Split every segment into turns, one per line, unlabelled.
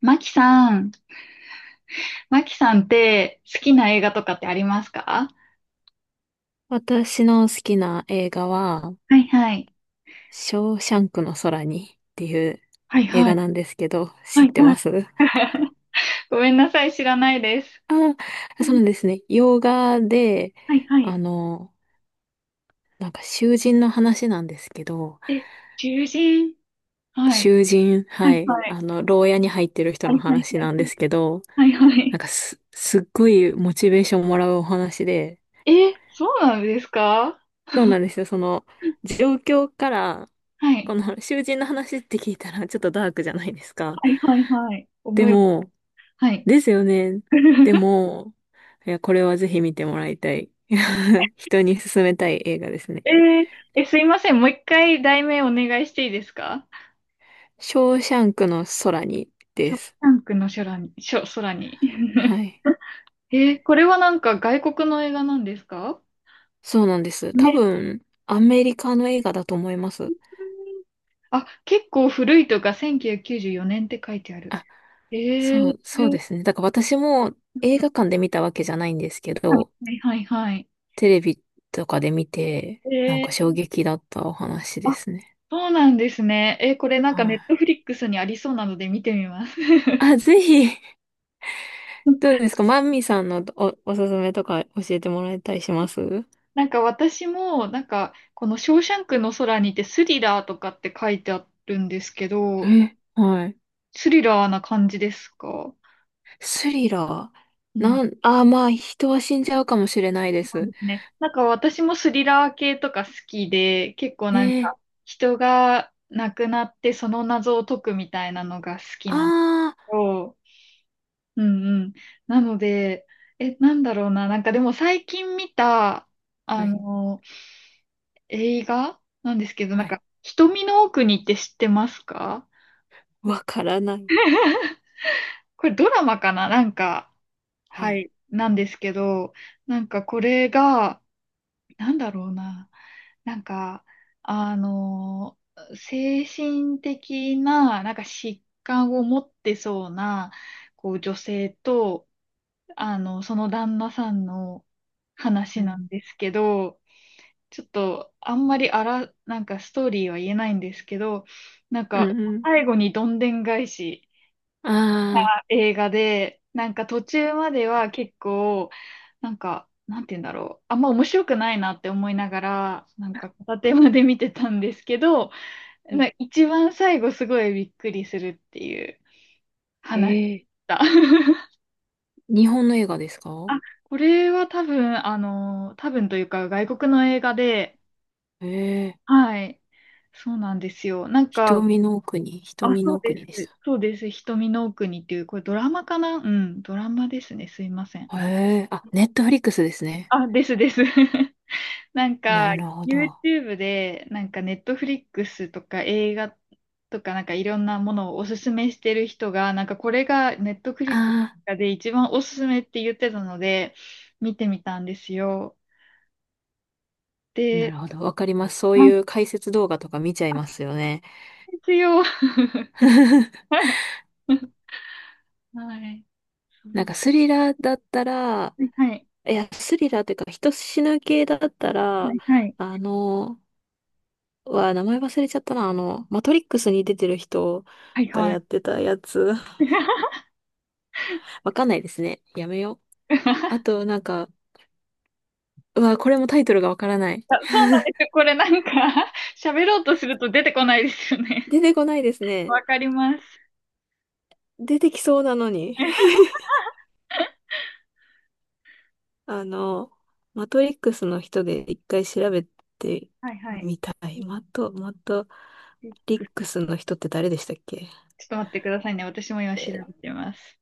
マキさん、マキさんって好きな映画とかってありますか？
私の好きな映画は、
はいはい。
ショーシャンクの空にっていう
はい
映
は
画
い。
なんですけど、
は
知っ
い
て
はい。
ます？
ごめんなさい、知らないです。
そ
う
う
ん。
なんですね。洋画で、
はいは
あ
い。
の、なんか囚人の話なんですけど、
え、獣人。はい。は
は
い
い、
はい。
牢屋に入ってる人
は
の
いはい
話
はい
なん
は
で
い。
すけど、
はいは
なん
い。
かすっごいモチベーションもらうお話で、
え、そうなんですか？
そうなんですよ。状況から、
は
こ
い。
の囚人の話って聞いたらちょっとダークじゃないですか。
はいはいはい。
で
思います。
も、
はい。
ですよね。で も、いや、これはぜひ見てもらいたい。人に勧めたい映画ですね。
えーえ、すいません。もう一回題名お願いしていいですか？
ショーシャンクの空に
シ
で
ョーシ
す。
ャンクの空に、空に。
は い。
これはなんか外国の映画なんですか？
そうなんです。多
ね。
分、アメリカの映画だと思います。
あ、結構古いとか1994年って書いてある。
あ、
えー、
そうですね。だから私も映画館で見たわけじゃないんですけ
は
ど、
いはいはい。
テレビとかで見て、なん
え
か衝
ー、
撃だったお話で
あ、
すね。
そうなんですね。これなんか
は
ネ
い。
ットフリックスにありそうなので見てみます。
あ、ぜひ。どう ですか？マミさんのおすすめとか教えてもらえたりします？
なんか私も、なんかこのショーシャンクの空にてスリラーとかって書いてあるんですけど、
え、はい。
スリラーな感じですか？
スリラ
う
ー。
ん。
なん、あー、まあ、人は死んじゃうかもしれないで
そ
す。
うですね。なんか私もスリラー系とか好きで、結構なん
え
か
え、
人が亡くなってその謎を解くみたいなのが好きなの
あ
と、うんうん。なので、え、なんだろうな。なんかでも最近見た、あ
はい、
の、映画なんですけど、なん
は
か
い。
瞳の奥にって知ってますか？
わからない。
これドラマかな、なんか、
は
は
い。
い、なんですけど、なんかこれが、なんだろうな。なんか、あの精神的な、なんか疾患を持ってそうな、こう、女性と、その旦那さんの
う
話なん
ん、
ですけど、ちょっと、あんまりなんかストーリーは言えないんですけど、なん
う
か、
んうん。
最後にどんでん返し
あ
映画で、なんか途中までは結構、なんか、なんて言うんだろう。あんま面白くないなって思いながら、なんか片手まで見てたんですけど、
あ、
まあ一番最後すごいびっくりするっていう話でし
ええ、
た。
日本の映画ですか？
あ、これは多分、多分というか外国の映画で、
ええ、
はい。そうなんですよ。なんか、あ、
瞳
そ
の
う
奥
で
にでし
す。
た。
そうです。瞳の奥にっていう、これドラマかな、うん、ドラマですね。すいません。
ええ、あ、ネットフリックスですね。
あ、ですです。なんか、
なるほど。
YouTube で、なんか Netflix とか映画とか、なんかいろんなものをおすすめしてる人が、なんかこれが Netflix
あ、
で一番おすすめって言ってたので、見てみたんですよ。
な
で、
るほど。わかります。そう
あ、
いう解説動画とか見ちゃい
あ
ますよね。
ですよ。はい。そ
なん
う
か
だ。
スリラーだったら、
はいはい。
いや、スリラーというか人死ぬ系だった
は
ら、
いはい。
あの、名前忘れちゃったな。マトリックスに出てる人
はい
が
は
や
い。
ってたやつ。わかんないですね。やめよう。あと、なんか、うわ、これもタイトルがわからない。
あ、そうなんですよ。これなんか 喋ろうとすると出てこないですよね。
出てこないですね。
わかります。
出てきそうなのに。あの、マトリックスの人で一回調べて
はいはい。
みたい。マトリックスの人って誰でしたっけ？
ちょっと待ってくださいね。私も今
え
調べ
ー
てます。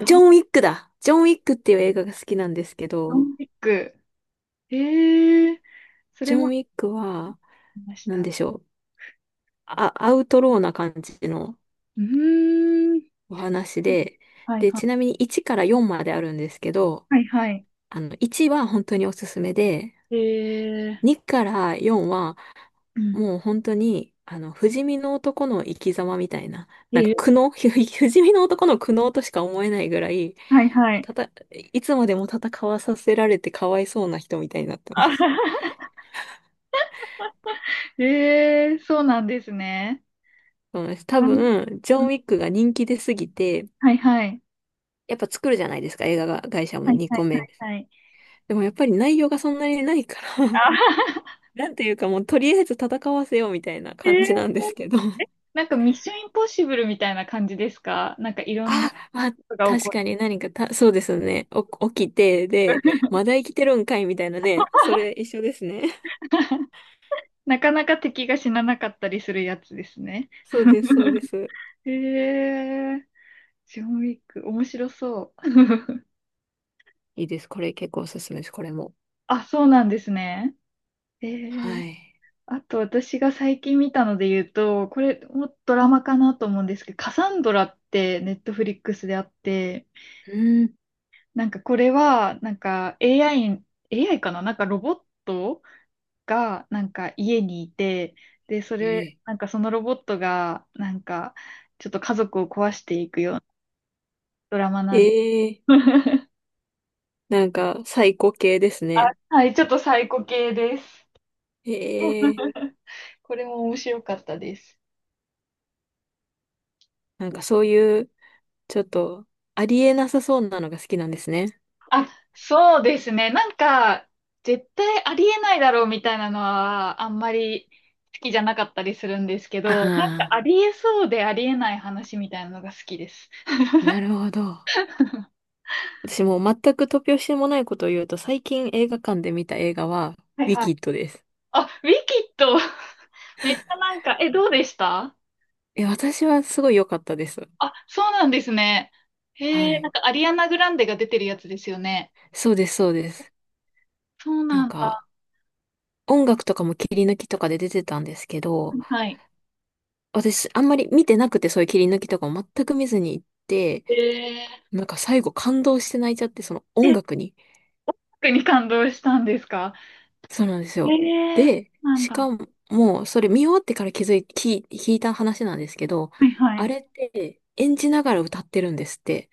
ジ
あ、
ョン・ウィックだ。ジョン・ウィックっていう映画が好きなんですけ
ド
ど、
ンピック。ええ、そ
ジ
れ
ョン・
も
ウ
あ
ィックは、
りまし
なん
た。
でしょう。あ、アウトローな感じの
うーん。
お話で、
はいは
ち
い。
なみに1から4まであるんですけど、
はいはい。
1は本当におすすめで、
ええ。
2から4は
うん。
もう本当に、不死身の男の生き様みたいな、なんか
え
苦
え。
悩、不死身の男の苦悩としか思えないぐらい、
はいはい。
たた、いつまでも戦わさせられてかわいそうな人みたいになって ま
あは
す。
は。ええ、そうなんですね。
そうなんです。多
はい。
分、ジョ
う
ン・
ん。
ウィックが人気出すぎて、
はいはい。
やっぱ作るじゃないですか、映画が、会社も
はい
2
は
個
い
目。
はいはい。
でもやっぱり内容がそんなにないから
あ、
なんていうかもうとりあえず戦わせようみたいな感じなんです
え
け
え、
ど。
なんかミッションインポッシブルみたいな感じですか？なんかいろんな
あ、
こ
まあ、
とが起
確
こ
か
る。
に何かた、そうですね。起きて、で、まだ生きてるんかいみたいなね。それ一緒ですね。
なかなか敵が死ななかったりするやつですね。
そうです、そうです。
へえ。ジョンウィック、面白そう。
いいです。これ結構おすすめです、これも。
あ、そうなんですね。え
は
ー、
い。
あと私が最近見たので言うと、これもドラマかなと思うんですけど、カサンドラってネットフリックスであって、
うん。
なんかこれは、なんか AI、AI かな、なんかロボットがなんか家にいて、で、それ、
え
なんかそのロボットが、なんかちょっと家族を壊していくようなドラマ
ー、
なんです。
えー、なんか、サイコ系ですね。
はい、ちょっとサイコ系です。
ええー、
これも面白かったです。
なんかそういう、ちょっと、ありえなさそうなのが好きなんですね。
あ、そうですね。なんか、絶対ありえないだろうみたいなのは、あんまり好きじゃなかったりするんですけど、なんか
あ
ありえそうでありえない話みたいなのが好きです。
あ、なるほど。私もう全く突拍子もないことを言うと、最近映画館で見た映画は、
はい
ウィ
はい。
キッドです。
あ、ウィキッド、めっちゃなんか、え、どうでした？
え、私はすごい良かったです。
あ、そうなんですね。
は
へえ、な
い。
んかアリアナ・グランデが出てるやつですよね。
そうです、そうです。
そう
な
な
ん
ん
か、
だ。
音楽とかも切り抜きとかで出てたんですけど、
はい。
私、あんまり見てなくて、そういう切り抜きとかも全く見ずに行って、
え
なんか最後感動して泣いちゃって、その
ー、
音
え、
楽に。
特に感動したんですか？
そうなんです
え
よ。
ー、そ
で、
うなん
し
だ。は
かも、それ見終わってから気づい、聞い、聞いた話なんですけど、
いは
あ
い。
れって演じながら歌ってるんですって。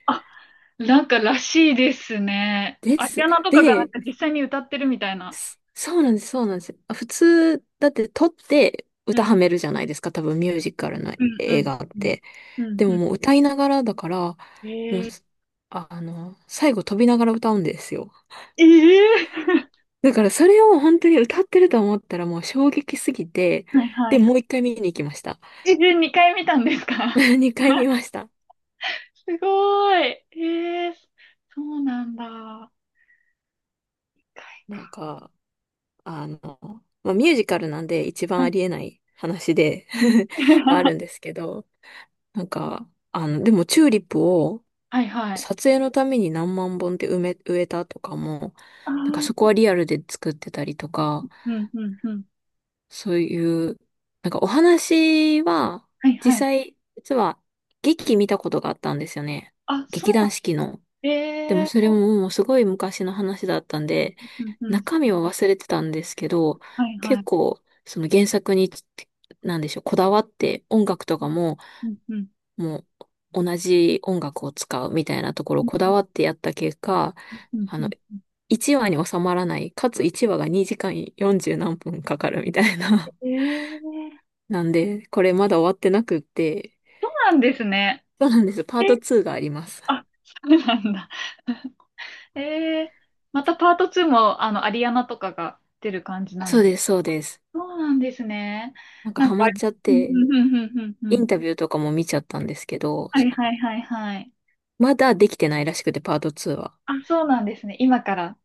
なんからしいですね。
で
アリ
す。
アナとかがなん
で、
か実際に歌ってるみたいな。
すそうなんです、そうなんです。あ、普通、だって撮って
う
歌
ん、
はめるじゃないですか、多分ミュージカルの
うん、う
映
ん、
画っ
うん、
て。
う
で
ん。
も
う
もう歌いながらだから、
ん。
もう、
えー、
あ、最後飛びながら歌うんですよ。
えー、
だからそれを本当に歌ってると思ったらもう衝撃すぎて、
はいは
で、
いは
もう一回見に行きました。
い。えー、2回見たんですか？
二回 見ました。
すごい。えー、そうなんだ。一回か。
なんか、あの、まあ、ミュージカルなんで一番
うん
ありえない話で
うん。
はあ るんですけど、なんか、でもチューリップを
はいはい。
撮影のために何万本って植えたとかも、
ああ、
なんかそ
う
こはリアルで作ってたりとか、
ん、うん、うん。
そういう、なんかお話は、
はいはい。
実は劇見たことがあったんですよね。
あ、そう
劇
なん
団
だ。
四季の。でも
え
そ
ー、
れももうすごい昔の話だったんで、
うん、うん。
中身は忘れてたんですけど、
はいは
結
い。
構、その原作に、なんでしょう、こだわって音楽とかも、
うん、うん、
もう同じ音楽を使うみたいなところ
う
を
ん、
こだわってやった結果、
うん。
あ
う
の、
ん。
1話に収まらない、かつ1話が2時間40何分かかるみたいな。
えー、そ
なんで、これまだ終わってなくって、
うなんですね。
そうなんです。パ
え
ート
ー、
2があります。
あ、そうなんだ。ええ、またパート2も、アリアナとかが出る感じなん
そう
です。
です、そうです。
そうなんですね。
なんか
なん
ハマ
か、
っちゃっ
うん
て、
うんうんうんうんう
イン
ん。
タビューとかも見ちゃったんですけど、
は
そ
い
の、
はいはいはい。
まだできてないらしくて、パート2は。
あ、そうなんですね。今から。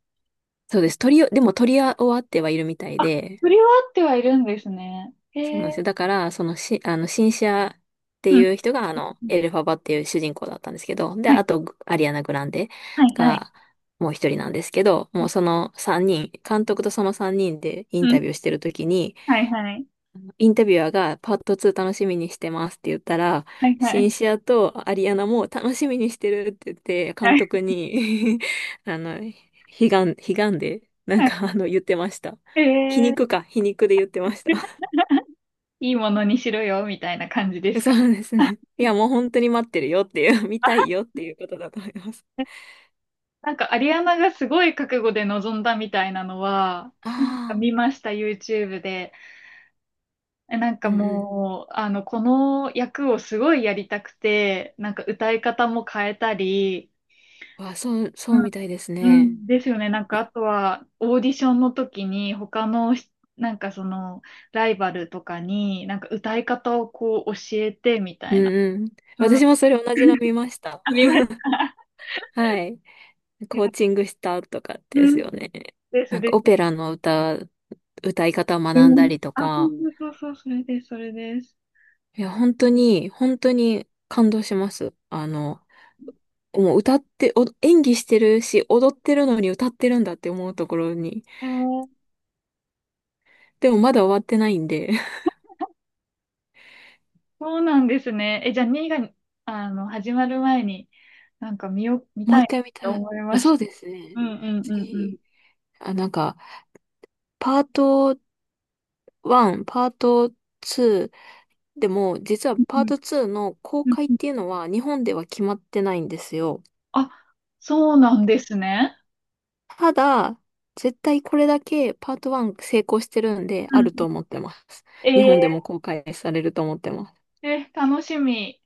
そうで
え、
す。撮りよ、でも撮り終わってはいるみたい
あ、
で、
振り終わってはいるんですね。へ
そうなんです
え。
よ。だから、そのし、あの、シンシアって
うん。
いう人が、
うん。
エルファバっていう主人公だったんですけど、で、
はい
あと、グアリアナ・グランデ
はいはい。
が、もう一人なんですけど、もうその三人、監督とその三人でイン
うん。
タビューしてるときに、
はいはい。
インタビュアーがパート2楽しみにしてますって言ったら、
はいは
シン
い。
シアとアリアナも楽しみにしてるって言って、
は
監
い
督に あの、悲悲願で、
はい。
言ってました。
へえ。
皮肉で言ってました。
いいものにしろよ、みたいな感じです
そ
か。
うです ね。いや、もう本当に待ってるよっていう、見た
あ、
いよっていうことだと思います。
なんかアリアナがすごい覚悟で臨んだみたいなのは、
あ
なんか
あ、
見ました、YouTube で。え、なん
う
か
ん
もう、この役をすごいやりたくて、なんか歌い方も変えたり、
うん。わ、そう、
う
そう
ん。
みたいです
う
ね。
んですよね。なんかあとは、オーディションの時に他のし、なんかその、ライバルとかに、なんか歌い方をこう教えてみた
う
いな。
んうん。
うん。
私もそれ同じの見まし た。
あ、見ました。
はい。
いや、
コーチングしたとかで
う
す
ん。
よね。
です
なんか
で
オペ
す。
ラの歌い方を
う
学んだ
ん。
りと
あ、
か、
そうそうそう、それです、それです。
いや、本当に、本当に感動します。もう歌って、お演技してるし、踊ってるのに歌ってるんだって思うところに、
えー、
でもまだ終わってないんで、
そうなんですね。え、じゃあ、2が、始まる前に、なんか見よ、見
もう
たい
一
な
回
っ
見
て
たい。
思い
あ、
まし
そ
た。
うですね。
うんうんうんうん。
次、あ、なんか、パート1、パート2、でも、実は
うん
パート2の公
うん
開っ
うん。
ていうのは日本では決まってないんですよ。
あ、そうなんですね。
ただ、絶対これだけパート1成功してるんで、
う
あると
ん。
思ってます。日
え
本でも公開されると思ってます。
ー、え、楽しみ。